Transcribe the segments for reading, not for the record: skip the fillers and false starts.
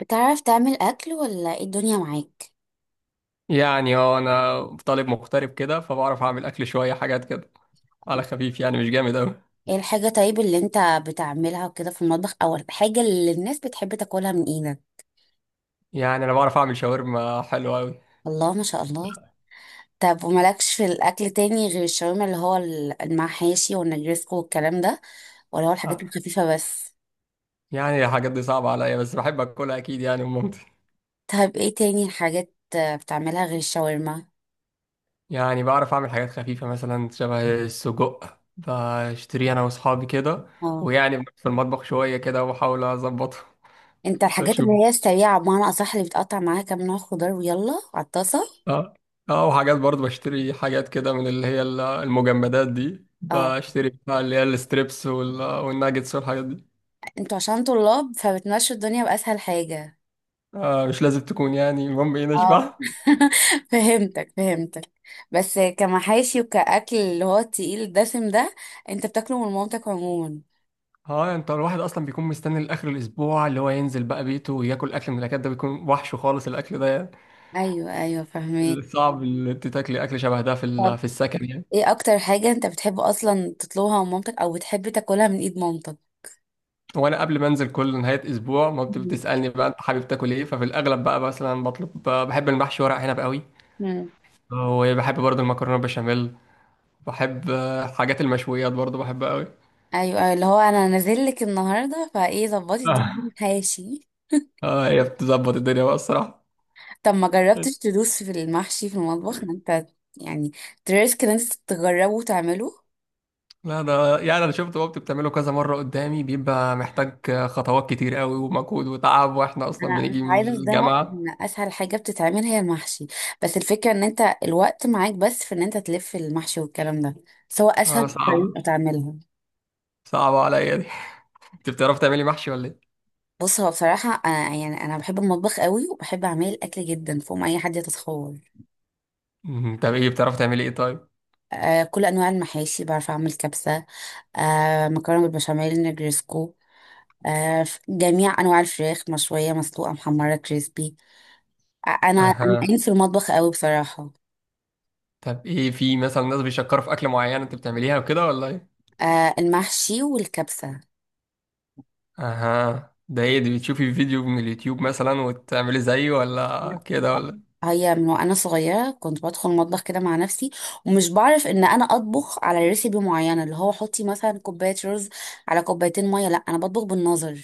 بتعرف تعمل أكل ولا ايه الدنيا معاك؟ يعني هو انا طالب مغترب كده، فبعرف اعمل اكل شويه حاجات كده على خفيف، يعني مش جامد اوي. ايه الحاجة طيب اللي انت بتعملها وكده في المطبخ أو الحاجة اللي الناس بتحب تاكلها من ايدك؟ يعني انا بعرف اعمل شاورما حلوه اوي. الله ما شاء الله. طب ومالكش في الأكل تاني غير الشاورما اللي هو المحاشي والنجرسكو والكلام ده، ولا هو الحاجات آه، الخفيفة بس؟ يعني الحاجات دي صعبه عليا، بس بحب اكلها اكيد، يعني من مامتي. طيب ايه تاني حاجات بتعملها غير الشاورما؟ يعني بعرف اعمل حاجات خفيفه مثلا، شبه السجق بشتريه انا واصحابي كده. اه، ويعني في المطبخ شويه كده، وبحاول اظبطه. انت الحاجات اللي بشوف. هي السريعة بمعنى أصح اللي بتقطع معاها كام نوع خضار ويلا على الطاسة. اه. اه، وحاجات برضه بشتري حاجات كده من اللي هي المجمدات دي، اه، بشتري بتاع اللي هي الستريبس والناجتس والحاجات دي. انتوا عشان طلاب فبتمشوا الدنيا بأسهل حاجة. آه، مش لازم تكون، يعني المهم ايه اه. نشبع. فهمتك فهمتك. بس كمحاشي وكأكل اللي هو التقيل الدسم ده، انت بتاكله من مامتك عموما. اه، انت الواحد اصلا بيكون مستني لاخر الاسبوع اللي هو ينزل بقى بيته وياكل اكل، من الاكل ده بيكون وحش خالص الاكل ده يعني. ايوه ايوه، فهمت. صعب اللي انت تاكلي اكل شبه ده في طب ال- في السكن، يعني. ايه اكتر حاجة انت بتحب اصلا تطلبها من مامتك او بتحب تاكلها من ايد مامتك؟ وانا قبل ما انزل كل نهايه اسبوع، ما مم. بتسالني بقى انت حابب تاكل ايه؟ ففي الاغلب بقى مثلا بطلب، بحب المحشي ورق عنب قوي. مم. وبحب برضه المكرونه بشاميل. بحب حاجات المشويات برضه، بحبها قوي. ايوه أيوة، اللي هو انا نازل لك النهارده فايه ظبطي الدنيا من حاشي. اه، هي بتظبط الدنيا بقى الصراحه. طب ما جربتش تدوس في المحشي في المطبخ ان انت يعني تريسك ان انت تجربه وتعمله؟ لا، ده يعني انا شفت بابتي بتعمله كذا مره قدامي، بيبقى محتاج خطوات كتير قوي ومجهود وتعب، واحنا اصلا انا بنيجي مش من عايزه اصدمك الجامعه. ان اسهل حاجه بتتعمل هي المحشي، بس الفكره ان انت الوقت معاك بس في ان انت تلف المحشي والكلام ده، سواء اه، اسهل صعبه طريقه تعملها. صعبه عليا دي. انت بتعرفي تعملي محشي ولا ايه؟ بص هو بصراحه أنا يعني انا بحب المطبخ قوي وبحب اعمل الاكل جدا فوق ما اي حد يتخيل. مم، طب ايه بتعرفي تعملي ايه طيب؟ كل انواع المحاشي، بعرف اعمل كبسه، مكرونه بالبشاميل، نجرسكو، جميع انواع الفراخ مشويه مسلوقه محمره كريسبي. انا اها، قايم في المطبخ قوي بصراحه. طب ايه في مثلا ناس بيشكروا في اكل معين انت بتعمليها وكده ولا ايه؟ المحشي والكبسه. اها، ده ايه دي؟ بتشوفي فيديو من اليوتيوب مثلا وتعملي زيه لا. ولا كده ولا إيه؟ هي من وانا صغيره كنت بدخل المطبخ كده مع نفسي، ومش بعرف ان انا اطبخ على ريسيبي معينه اللي هو حطي مثلا كوبايه رز على كوبايتين ميه. لا انا بطبخ بالنظر.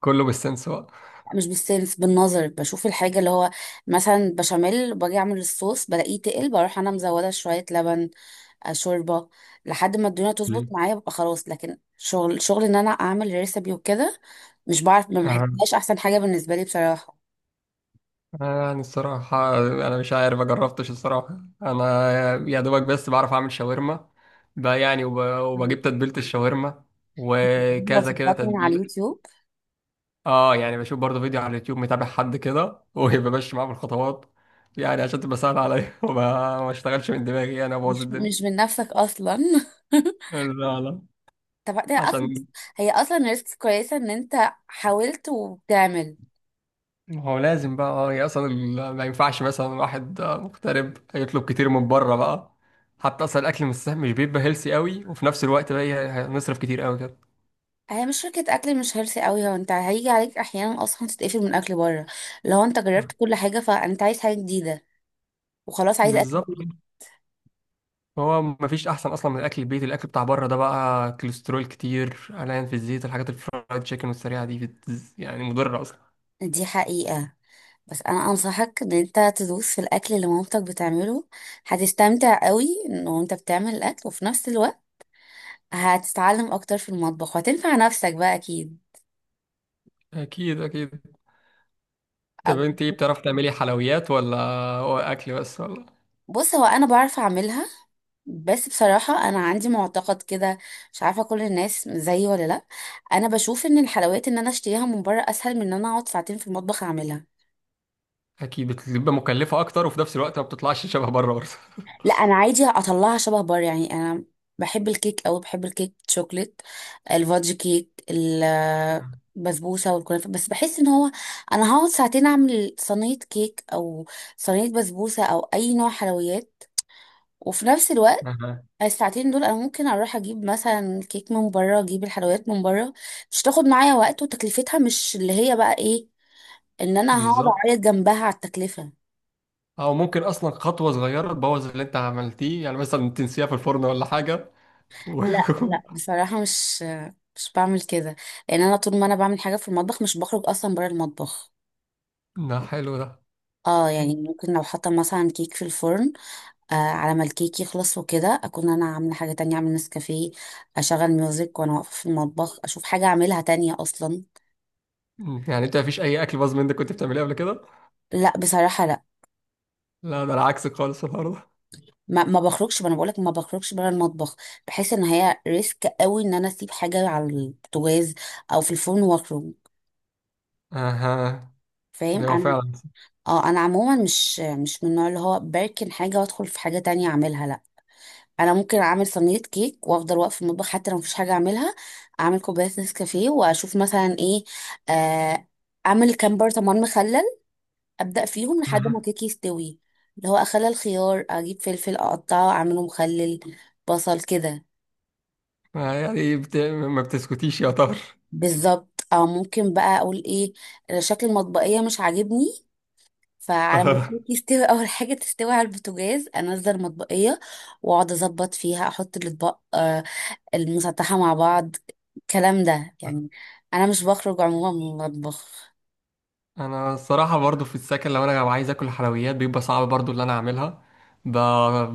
كله بالسنس بقى. لا مش بالسنس، بالنظر. بشوف الحاجه اللي هو مثلا بشاميل باجي اعمل الصوص بلاقيه تقل، بروح انا مزوده شويه لبن، شوربه، لحد ما الدنيا تظبط مم. معايا ببقى خلاص. لكن شغل شغل ان انا اعمل ريسيبي وكده، مش بعرف، ما أها. بحسهاش احسن حاجه بالنسبه لي بصراحه. يعني الصراحة أنا مش عارف، مجربتش، الصراحة أنا يا دوبك بس بعرف أعمل شاورما بقى، يعني مم. وبجيب تتبيلة الشاورما، وكذا كده وصفات من على تتبيلة. اليوتيوب. اه، يعني بشوف برضه فيديو على اليوتيوب، متابع حد كده وبمشي معاه في الخطوات، يعني عشان تبقى سهلة عليا، وما ما اشتغلش من دماغي، يعني أبوظ الدنيا. مش من نفسك اصلا. لا، لا. طب ده اصلا عشان. هي اصلا ريسك كويسه ان انت حاولت وبتعمل. هو لازم بقى، يعني اصلا ما ينفعش مثلا واحد مغترب يطلب كتير من بره بقى. حتى اصلا الاكل مش سهل، مش بيبقى هيلسي قوي، وفي نفس الوقت بقى هنصرف كتير قوي كده. هي مش شركة أكل مش هيلثي قوي، هو انت هيجي عليك أحيانا أصلا تتقفل من أكل بره. لو انت جربت كل حاجة فانت عايز حاجة جديدة، وخلاص عايز أكل بالظبط. جديد. هو ما فيش احسن اصلا من الاكل البيتي، الاكل بتاع بره ده بقى كوليسترول كتير، قلقان في الزيت، الحاجات الفرايد تشيكن والسريعه دي يعني مضره اصلا. دي حقيقة. بس أنا أنصحك إن انت تدوس في الأكل اللي مامتك بتعمله. هتستمتع قوي إنه انت بتعمل الأكل وفي نفس الوقت هتتعلم أكتر في المطبخ وهتنفع نفسك بقى أكيد. اكيد، اكيد. طب انت ايه، بتعرفي تعملي حلويات، ولا هو اكل بس ولا؟ بص هو انا بعرف اعملها، بس بصراحة انا عندي معتقد كده، مش عارفة كل الناس زيي ولا لا. انا بشوف ان الحلويات ان انا اشتريها من بره اسهل من ان انا اقعد ساعتين في المطبخ اعملها. اكيد بتبقى مكلفه اكتر، وفي نفس الوقت ما بتطلعش شبه بره برضه. لا انا عادي اطلعها شبه بره يعني. انا بحب الكيك، او بحب الكيك شوكليت، الفادج كيك، البسبوسة والكنافة، بس بحس ان هو انا هقعد ساعتين اعمل صينية كيك او صينية بسبوسة او اي نوع حلويات، وفي نفس الوقت أها. الساعتين دول انا ممكن اروح اجيب مثلا كيك من بره، اجيب الحلويات من بره، مش تاخد معايا وقت، وتكلفتها مش اللي هي بقى ايه، ان انا هقعد بالظبط. اعيط جنبها على التكلفة. او ممكن اصلا خطوه صغيره تبوظ اللي انت عملتيه، يعني مثلا تنسيها في الفرن ولا حاجه و... لا لا، بصراحة مش بعمل كده، لان انا طول ما انا بعمل حاجة في المطبخ مش بخرج اصلا بره المطبخ. ده حلو ده. اه يعني ممكن لو حاطه مثلا كيك في الفرن، على ما الكيك يخلص وكده اكون انا عامله حاجه تانية، اعمل نسكافيه، اشغل ميوزك وانا واقفه في المطبخ، اشوف حاجه اعملها تانية اصلا. يعني انت مفيش اي اكل باظ منك كنت بتعمليه قبل كده؟ لا بصراحه لا. لا، ده انا عكسك خالص النهارده. ما بخرجش، ما انا بقولك ما بخرجش بره المطبخ. بحس ان هي ريسك قوي ان انا اسيب حاجه على البوتاجاز او في الفرن واخرج. اها، فاهم ده هو انا. فعلا. اه، انا عموما مش من النوع اللي هو بركن حاجه وادخل في حاجه تانية اعملها. لا، انا ممكن اعمل صينيه كيك وافضل واقف في المطبخ حتى لو مفيش حاجه اعملها، اعمل كوبايه نسكافيه واشوف مثلا ايه، آه اعمل كام برطمان مخلل، ابدا فيهم لحد ما كيكي يستوي، اللي هو اخلل الخيار، اجيب فلفل اقطعه اعمله مخلل، بصل كده. أها. يعني ما بتسكتيش يا طار. بالظبط، او ممكن بقى اقول ايه، شكل المطبقيه مش عاجبني، فعلى ما أها. الكيك يستوي اول حاجه تستوي على البوتاجاز انزل المطبقيه واقعد اظبط فيها، احط الاطباق المسطحه مع بعض، الكلام ده يعني. انا مش بخرج عموما من المطبخ. انا الصراحه برضو في السكن، لو انا عايز اكل حلويات بيبقى صعب برضو اللي انا اعملها. ب...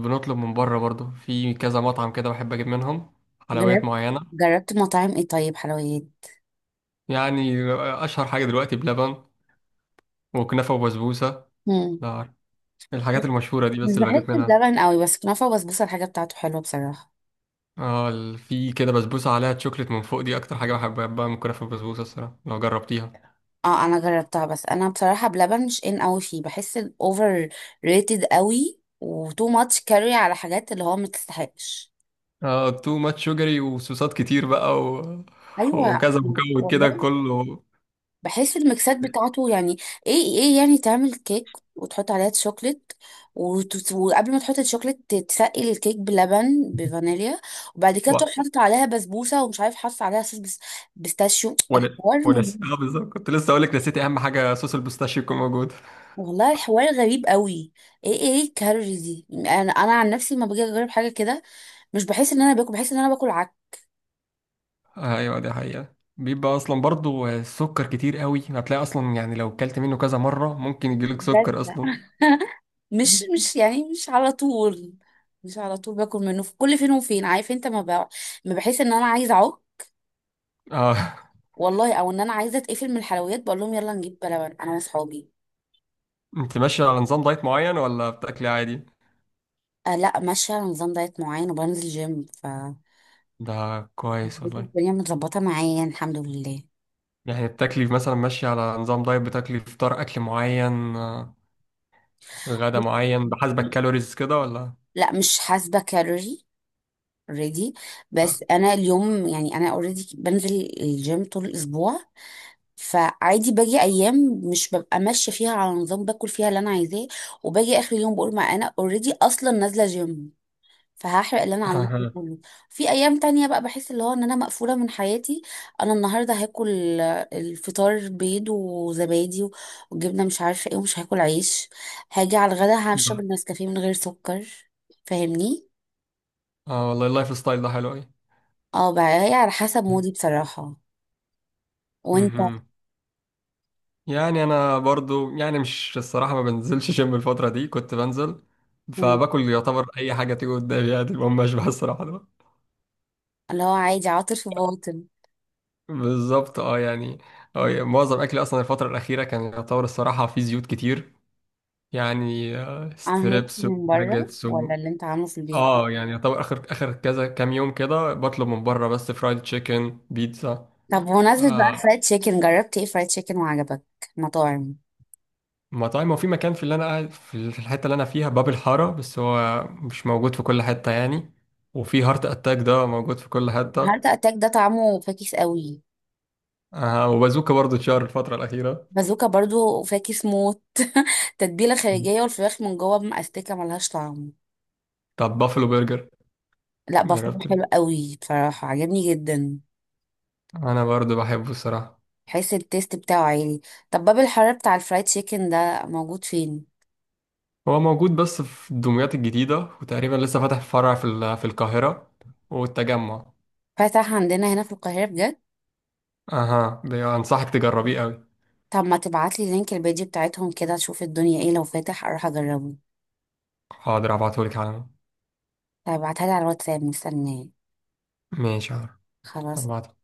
بنطلب من بره برضو، في كذا مطعم كده بحب اجيب منهم حلويات جربت معينه. جربت مطاعم ايه طيب حلويات؟ يعني اشهر حاجه دلوقتي بلبن، وكنافه وبسبوسه. مم. ده عارف. الحاجات المشهوره دي بس مش اللي بحس بجيب منها. بلبن قوي، بس كنافه وبسبوسه الحاجه بتاعته حلوه بصراحه. اه، في كده بسبوسه عليها تشوكليت من فوق، دي اكتر حاجه بحبها بقى من كنافه وبسبوسه الصراحه، لو جربتيها. اه انا جربتها، بس انا بصراحه بلبن مش ان اوي فيه، بحس الاوفر ريتد قوي وتو ماتش كاري على حاجات اللي هو ما تستحقش. اه، تو ماتش شوجري، وصوصات كتير بقى ايوه. وكذا مكون كده والله، كله بحس الميكسات بتاعته يعني ايه، ايه يعني تعمل كيك وتحط عليها شوكليت، وقبل ما تحط الشوكليت تسقي الكيك بلبن بفانيليا، وبعد كده تروح و... حاطط عليها بسبوسه ومش عارف حاطط عليها صوص بيستاشيو، ولا الحوار ممل. ولسه، اه بالظبط، كنت لسه اقول لك نسيت اهم حاجه، صوص البستاشيو يكون موجود. والله الحوار غريب قوي. ايه ايه الكالوريز دي، انا عن نفسي ما باجي اجرب حاجه كده. مش بحس ان انا باكل، بحس ان انا باكل عك. ايوه، دي حقيقه، بيبقى اصلا برضو السكر كتير قوي، هتلاقي اصلا يعني لو كلت منه كذا مره ممكن يجيلك بجد، سكر اصلا. مش يعني مش على طول، مش على طول باكل منه، في كل فين وفين، عارف انت ما بقى، ما بحس ان انا عايزه اعك. اه، والله، او ان انا عايزه اتقفل من الحلويات بقول لهم يلا نجيب بلبن انا واصحابي. انت ماشية على نظام دايت معين، ولا بتاكلي عادي؟ أه لا، ماشيه على نظام دايت معين وبنزل جيم، ف ده كويس والله. الدنيا متظبطه معايا يعني، الحمد لله. يعني بتاكلي مثلا ماشية على نظام دايت، بتاكلي فطار أكل معين، غدا معين بحسب الكالوريز كده ولا؟ لا مش حاسبه كالوري اوريدي، بس انا اليوم يعني انا اوريدي بنزل الجيم طول الاسبوع، فعادي باجي ايام مش ببقى ماشيه فيها على نظام، باكل فيها اللي انا عايزاه، وباجي اخر اليوم بقول ما انا اوريدي اصلا نازله جيم فهحرق اللي انا عملته ده اه، كله. في ايام تانية بقى بحس اللي هو ان انا مقفوله من حياتي، انا النهارده هاكل الفطار بيض وزبادي وجبنه مش عارفه ايه، ومش هاكل عيش، هاجي على الغدا هشرب النسكافيه من غير سكر، فاهمني. والله اللايف ستايل ده حلو أوي. اه بقى هي على حسب مودي بصراحه. وانت؟ مهم. يعني أنا برضو، يعني مش الصراحة، ما بنزلش جيم الفترة دي، كنت بنزل، عشان فباكل يعتبر أي حاجة تيجي قدامي، يعني المهم أشبع الصراحة. اللي هو عادي عاطل في باطل. بالظبط. اه يعني معظم اكلي اصلا الفتره الاخيره كان يعتبر الصراحه فيه زيوت كتير، يعني عن هيلثي ستريبس من بره وباجيتس ولا اللي انت عامله في البيت؟ اه، يعني يعتبر اخر اخر كذا كام يوم كده، بطلب من بره بس فرايد تشيكن بيتزا. طب بمناسبة بقى آه، الفرايد تشيكن، جربت ايه فرايد تشيكن وعجبك؟ مطاعم. مطاعم. وفي مكان في اللي انا قاعد في الحته اللي انا فيها، باب الحاره، بس هو مش موجود في كل حته يعني. وفي هارت اتاك ده موجود في كل هارت حته. اتاك ده طعمه فاكس قوي. آه، وبازوكا برضو اتشهر الفتره الاخيره. بازوكا برضو فاكس موت. تتبيلة خارجية والفراخ من جوه مأستكة ملهاش طعم. طب بافلو برجر؟ لا، بفهم جربت حلو قوي بصراحة عجبني جدا. انا برضو بحبه الصراحه. حس التيست بتاعه عالي. طب باب الحرارة بتاع الفرايد تشيكن ده موجود فين؟ هو موجود بس في الدمياط الجديدة، وتقريبا لسه فاتح فرع في القاهرة والتجمع. فتح عندنا هنا في القاهرة بجد؟ اها، ده انصحك تجربيه قوي. طب ما تبعتلي لينك البيج بتاعتهم كده اشوف الدنيا ايه لو فاتح اروح اجربه. حاضر، ابعتهولك على. طب ابعتها لي على الواتساب، مستنيه. ماشي، حاضر. خلاص. ابعت.